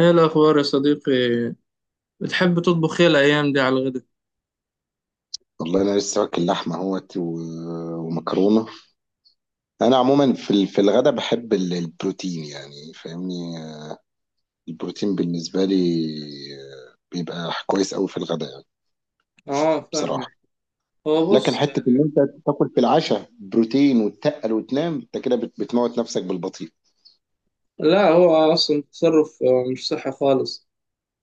ايه الاخبار يا صديقي؟ بتحب تطبخ ايه الايام دي على الغدا؟ والله انا لسه واكل لحمه اهوت ومكرونه. انا عموما في في الغدا بحب البروتين، يعني فاهمني. البروتين بالنسبه لي بيبقى كويس قوي في الغدا يعني. اه، بصراحه. فاهمك. هو لكن بص حته ان يعني. انت تاكل في العشاء بروتين وتتقل وتنام، انت كده بتموت نفسك بالبطيء. لا، هو اصلا تصرف مش صحي خالص.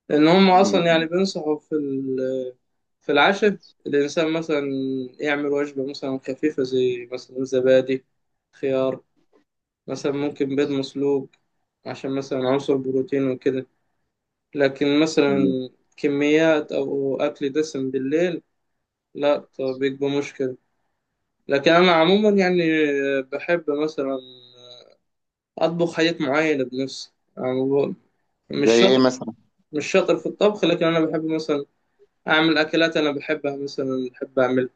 لان هم اصلا يعني مم. بينصحوا في العشاء. الانسان مثلا يعمل وجبه مثلا خفيفه، زي مثلا زبادي، خيار، مثلا ممكن بيض مسلوق، عشان مثلا عنصر بروتين وكده. لكن مثلا مم. كميات او اكل دسم بالليل، لا، طب بيبقى مشكله. لكن أنا عموما يعني بحب مثلا أطبخ حاجات معينة بنفسي، يعني مش زي ايه شاطر في- مثلا؟ مش شاطر في الطبخ. لكن أنا بحب مثلا أعمل أكلات أنا بحبها، مثلا بحب أعمل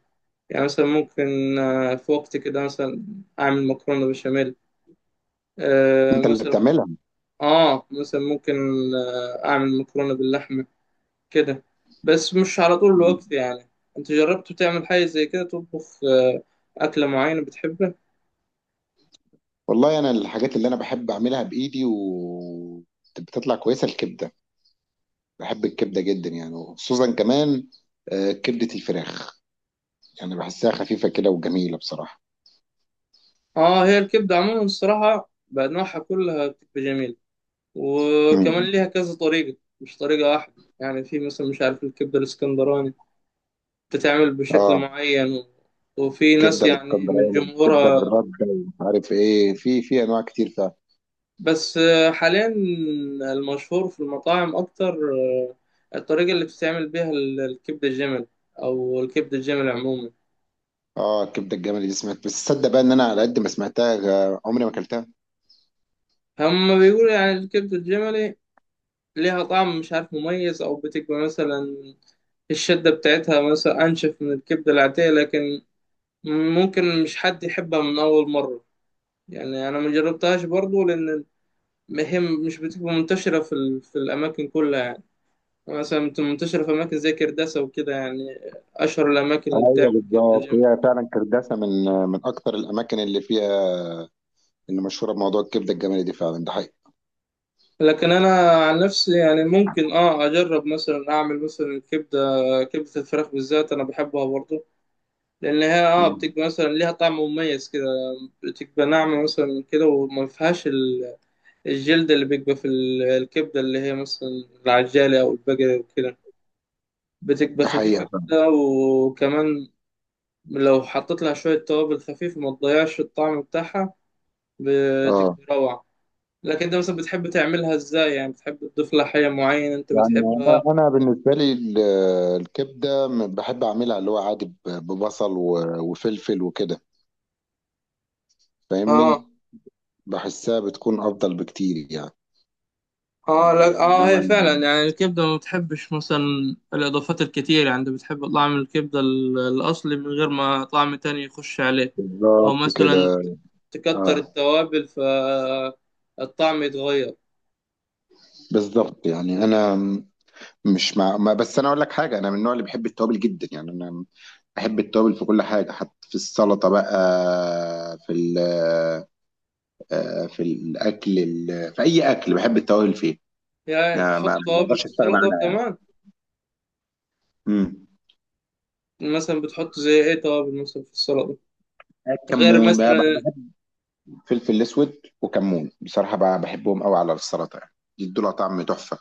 يعني مثلا ممكن في وقت كده مثلا أعمل مكرونة بشاميل، انت اللي مثلا بتعملها؟ مثلا ممكن أعمل مكرونة باللحمة، كده. بس مش على طول الوقت مم. يعني. أنت جربت تعمل حاجة زي كده؟ تطبخ أكلة معينة بتحبها؟ والله انا الحاجات اللي انا بحب اعملها بايدي و بتطلع كويسه الكبده. بحب الكبده جدا يعني، وخصوصا كمان كبده الفراخ. يعني بحسها خفيفه كده وجميله بصراحه. اه، هي الكبدة عموما الصراحة بأنواعها كلها بتبقى جميلة، وكمان مم. ليها كذا طريقة مش طريقة واحدة. يعني في مثلا، مش عارف، الكبدة الاسكندراني بتتعمل بشكل اه، معين، و... وفي ناس كبده يعني من الاسكندراني كبده جمهورها. بالرده ومش عارف ايه، في انواع كتير فيها. بس حاليا المشهور في المطاعم أكتر، الطريقة اللي بتتعمل بيها الكبدة الجملي، أو الكبدة الجملي عموما. اه الكبده الجملي دي سمعت، بس تصدق بقى ان انا على قد ما سمعتها، عمري ما اكلتها. هم بيقولوا يعني الكبدة الجملي ليها طعم، مش عارف، مميز، أو بتبقى مثلا الشدة بتاعتها مثلا أنشف من الكبدة العادية. لكن ممكن مش حد يحبها من أول مرة، يعني أنا ما جربتهاش برضو، لأن هي مش بتبقى منتشرة في الأماكن كلها يعني. مثلا بتبقى منتشرة في أماكن زي كرداسة وكده، يعني أشهر الأماكن اللي ايوه بتعمل كبدة بالظبط، جامد. هي فعلا كرداسه من من اكتر الاماكن اللي فيها، اللي مشهوره بموضوع الكبده الجملي دي، فعلا ده حقيقي. لكن أنا عن نفسي يعني ممكن أجرب، مثلا أعمل مثلا كبدة الفراخ بالذات، أنا بحبها برضو، لأن هي بتبقى مم. مثلا ليها طعم مميز كده، بتبقى ناعمة مثلا كده، وما فيهاش الجلد اللي بيبقى في الكبدة اللي هي مثلا العجالة أو البقرة وكده، بتبقى ده خفيفة حقيقه. كده. وكمان لو حطيت لها شوية توابل خفيفة ما تضيعش الطعم بتاعها، اه. بتبقى روعة. لكن أنت مثلا بتحب تعملها إزاي؟ يعني بتحب تضيف لها حاجة معينة أنت يعني بتحبها؟ أنا بالنسبه لي الكبده بحب اعملها اللي هو عادي ببصل وفلفل وكده، فاهمني. آه. بحسها بتكون افضل بكتير يعني. اه. لا، اه انما هي فعلا يعني الكبده ما بتحبش مثلا الاضافات الكتير، يعني انت بتحب طعم الكبده الاصلي من غير ما طعم تاني يخش عليه. او بالظبط كده. مثلا تكتر اه التوابل، فالطعم يتغير. بالظبط، يعني انا مش مع ما، بس انا اقول لك حاجه، انا من النوع اللي بحب التوابل جدا يعني. انا بحب التوابل في كل حاجه، حتى في السلطه بقى، في في الاكل، في اي اكل بحب التوابل فيه. يعني ما ما بتحط ما توابل في بقدرش استغنى السلطه عنها يعني. كمان؟ مم. مثلا بتحط زي ايه توابل مثلا في السلطه؟ غير كمون بقى، بحب مثلا. بحب فلفل الاسود وكمون، بصراحه بقى بحبهم قوي على السلطه يعني، يدوا لها طعم تحفه.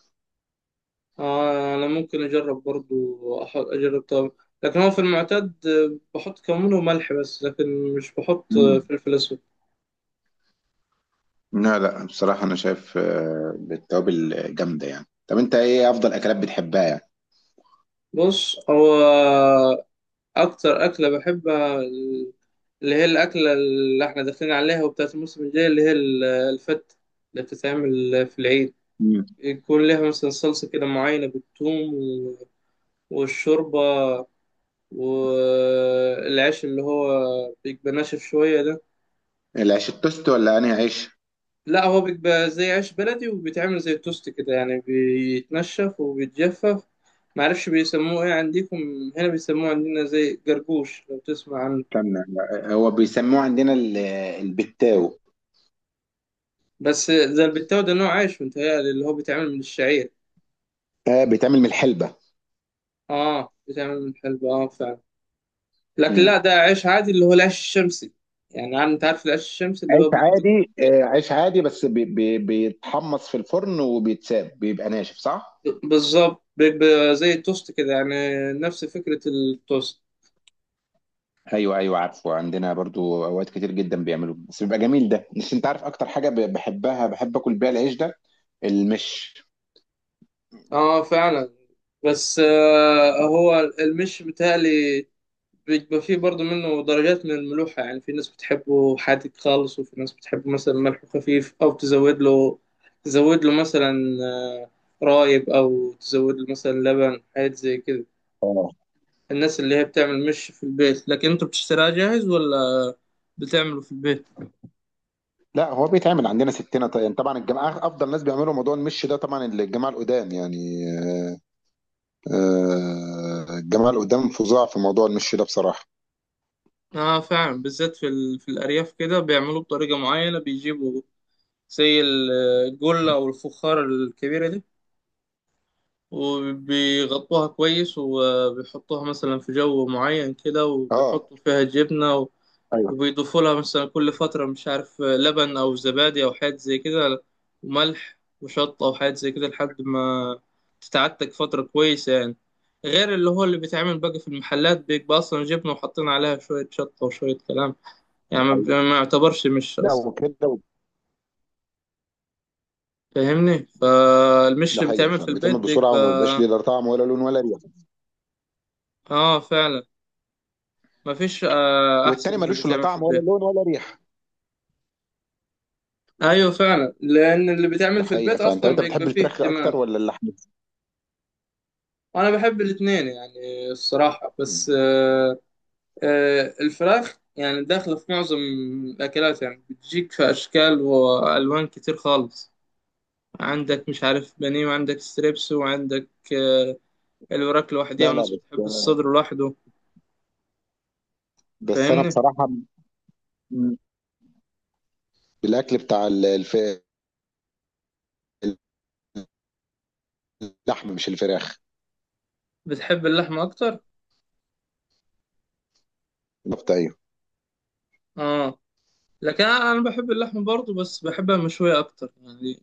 آه، انا ممكن اجرب برضو، اجرب توابل. لكن هو في المعتاد بحط كمون وملح بس، لكن مش بحط مم. فلفل اسود. لا لا، بصراحه انا شايف بالتوابل جامده يعني. طب انت ايه افضل اكلات بتحبها يعني؟ بص هو، أكتر أكلة بحبها اللي هي الأكلة اللي إحنا داخلين عليها وبتاعت الموسم الجاي، اللي هي الفتة اللي بتتعمل في العيد. مم. يكون لها مثلا صلصة كده معينة بالثوم، و- والشوربة، والعيش اللي هو بيبقى ناشف شوية ده. العيش التوست ولا انهي عيش؟ لا، هو بيبقى زي عيش بلدي وبيتعمل زي التوست كده، يعني بيتنشف وبيتجفف. معرفش بيسموه ايه عندكم. هنا بيسموه عندنا زي جرجوش، لو تسمع عنه. استنى، لا، هو بيسموه عندنا البتاو. بس زي البتاو ده نوع عيش، متهيألي اللي هو بيتعمل من الشعير. بيتعمل من الحلبه. اه، بيتعمل من الحلبة، اه فعلا. لكن لا، مم. ده عيش عادي، اللي هو العيش الشمسي. يعني انت عارف العيش الشمسي اللي عيش هو بيبقى كده. عادي، عيش عادي، بس بيتحمص في الفرن وبيتساب بيبقى ناشف صح؟ بالظبط بيبقى زي التوست كده، يعني نفس فكرة التوست. ايوه ايوه عارفه، عندنا برضو اوقات كتير جدا بيعملوه، بس بيبقى جميل ده، بس انت عارف اكتر حاجه بحبها بحب اكل بيها العيش ده، المش. اه فعلا. بس هو المش متهيألي بيبقى فيه برضه منه درجات من الملوحة، يعني في ناس بتحبه حادق خالص، وفي ناس بتحبه مثلا ملحه خفيف، أو تزود له مثلا آه، رايب، أو تزود له مثلا لبن، حاجات زي كده. اه الناس اللي هي بتعمل مش في البيت، لكن انتوا بتشتريها جاهز ولا بتعمله في البيت؟ لا، هو بيتعمل عندنا ستنا، طيب طبعا الجماعه افضل ناس بيعملوا موضوع المش ده، طبعا الجماعه القدام يعني. آه، الجماعه القدام فظاع في موضوع المش ده بصراحه. اه فعلا، بالذات في الأرياف كده بيعملوه بطريقة معينة، بيجيبوا زي الجلة أو الفخار الكبيرة دي، وبيغطوها كويس، وبيحطوها مثلا في جو معين كده، اه وبيحطوا فيها جبنة، ايوه وبيضيفوا لها مثلا كل فترة، مش عارف، لبن أو زبادي أو حاجات زي كده، وملح وشطة أو حاجات زي كده، لحد ما تتعتك فترة كويسة يعني. غير اللي هو اللي بيتعمل بقى في المحلات، بيبقى أصلا جبنة وحاطين عليها شوية شطة وشوية كلام، ده يعني حقيقي. ما يعتبرش مش لا أصلا. وكده. فاهمني، فالمش ده اللي حقيقي بيتعمل في فعلا، البيت بيتعمل بسرعه، وما بيبقاش بيبقى. ليه لا طعم ولا لون ولا ريحه. آه فعلا، مفيش احسن والتاني من اللي ملوش لا بيتعمل في طعم ولا البيت. لون ولا ريحه. ايوه فعلا، لان اللي ده بيتعمل في حقيقه البيت فعلا. طب اصلا انت بيبقى بتحب فيه الفراخ اكتر اهتمام. ولا اللحمه؟ وانا بحب الاتنين يعني الصراحه، بس الفراخ يعني داخله في معظم الاكلات، يعني بتجيك في اشكال والوان كتير خالص. عندك، مش عارف، بانيه، وعندك ستريبس، وعندك الوراك لوحديها، لا لا، وناس بس بتحب الصدر لوحده، بس انا فاهمني. بصراحه، م- بالاكل بتاع اللحم مش الفراخ، بتحب اللحمه اكتر؟ الكفته ايوه. اه، لكن انا بحب اللحمه برضه، بس بحبها مشويه اكتر يعني،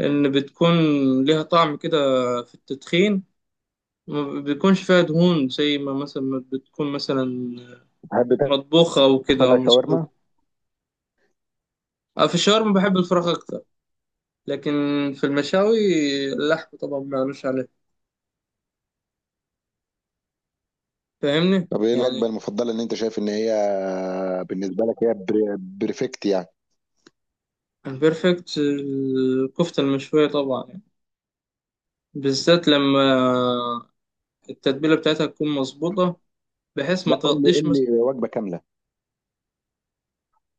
لأن بتكون ليها طعم كده في التدخين، ما بيكونش فيها دهون زي ما مثلا ما بتكون مثلا بتحب مطبوخة أو كده تاكلها أو شاورما؟ مسلوقة. أنا في الشاورما بحب الفراخ أكتر. لكن في المشاوي، اللحم طبعا ما قالوش عليه، فاهمني طب ايه الوجبه يعني. المفضله ان انت شايف ان هي بالنسبه لك هي بريفكت يعني؟ البرفكت الكفتة المشوية طبعا يعني. بالذات لما التتبيلة بتاعتها تكون مظبوطة، بحيث ما لا، قول لي تغطيش قول مثلا. لي وجبه كامله.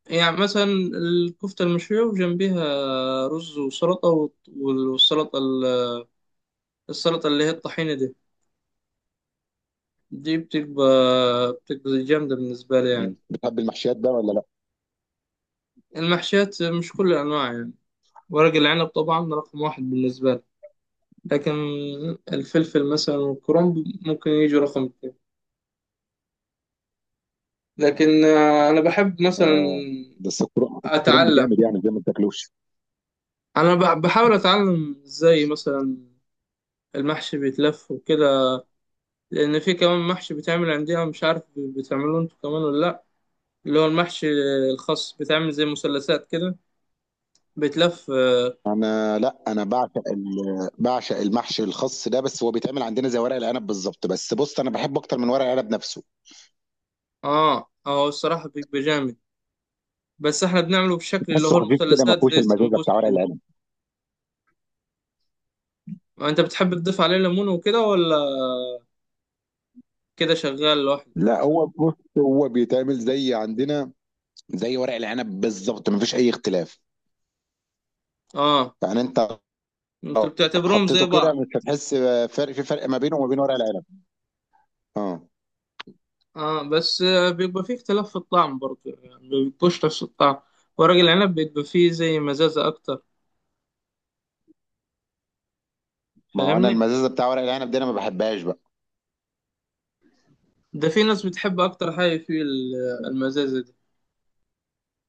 يعني مثلا الكفتة المشوية وجنبيها رز وسلطة، والسلطة السلطة اللي هي الطحينة دي بتبقى جامدة بالنسبة لي م. يعني. بتحب المحشيات بقى ولا لا؟ المحشيات مش كل الأنواع يعني. ورق العنب طبعا رقم واحد بالنسبة لي، لكن الفلفل مثلا والكرنب ممكن يجوا رقم اتنين. لكن أنا بحب مثلا اه، بس الكرنب أتعلم، جامد يعني، زي ما بتاكلوش. أنا بحاول أتعلم إزاي مثلا المحشي بيتلف وكده، لأن في كمان محشي بيتعمل عندنا، مش عارف بتعملوه انتوا كمان ولا لأ، اللي هو المحشي الخاص بيتعمل زي مثلثات كده، بيتلف. انا لا، انا بعشق المحشي الخاص ده، بس هو بيتعمل عندنا زي ورق العنب بالظبط، بس بص انا بحبه اكتر من ورق العنب نفسه. اه، هو الصراحة بيبقى جامد، بس احنا بنعمله بشكل اللي تحسه هو خفيف كده، ما المثلثات فيهوش زي المزازه بتاع السمبوسة ورق كده. العنب. انت بتحب تضيف عليه ليمون وكده، ولا كده شغال لوحده؟ لا، هو بص هو بيتعمل زي عندنا زي ورق العنب بالظبط، مفيش اي اختلاف. اه، يعني انت انت لو بتعتبرهم زي حطيته كده بعض؟ مش هتحس فرق، فرق ما بينه وما بين ورق العنب. اه. اه، بس بيبقى فيه اختلاف في الطعم برضه، يعني ما بيبقوش نفس الطعم. ورق العنب بيبقى فيه زي مزازة اكتر، ما هو انا فاهمني. المزازه بتاع ورق العنب دي انا ما بحبهاش بقى. ده في ناس بتحب اكتر حاجة فيه المزازة دي،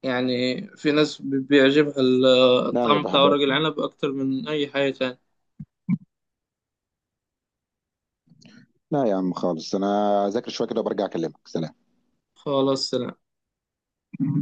يعني في ناس بيعجبها لا، ما الطعم بتاع بحبهاش. ورق العنب اكتر من اي حاجة تانية. لا يا عم خالص، انا اذاكر شويه كده وبرجع اكلمك، سلام. خلاص، سلام.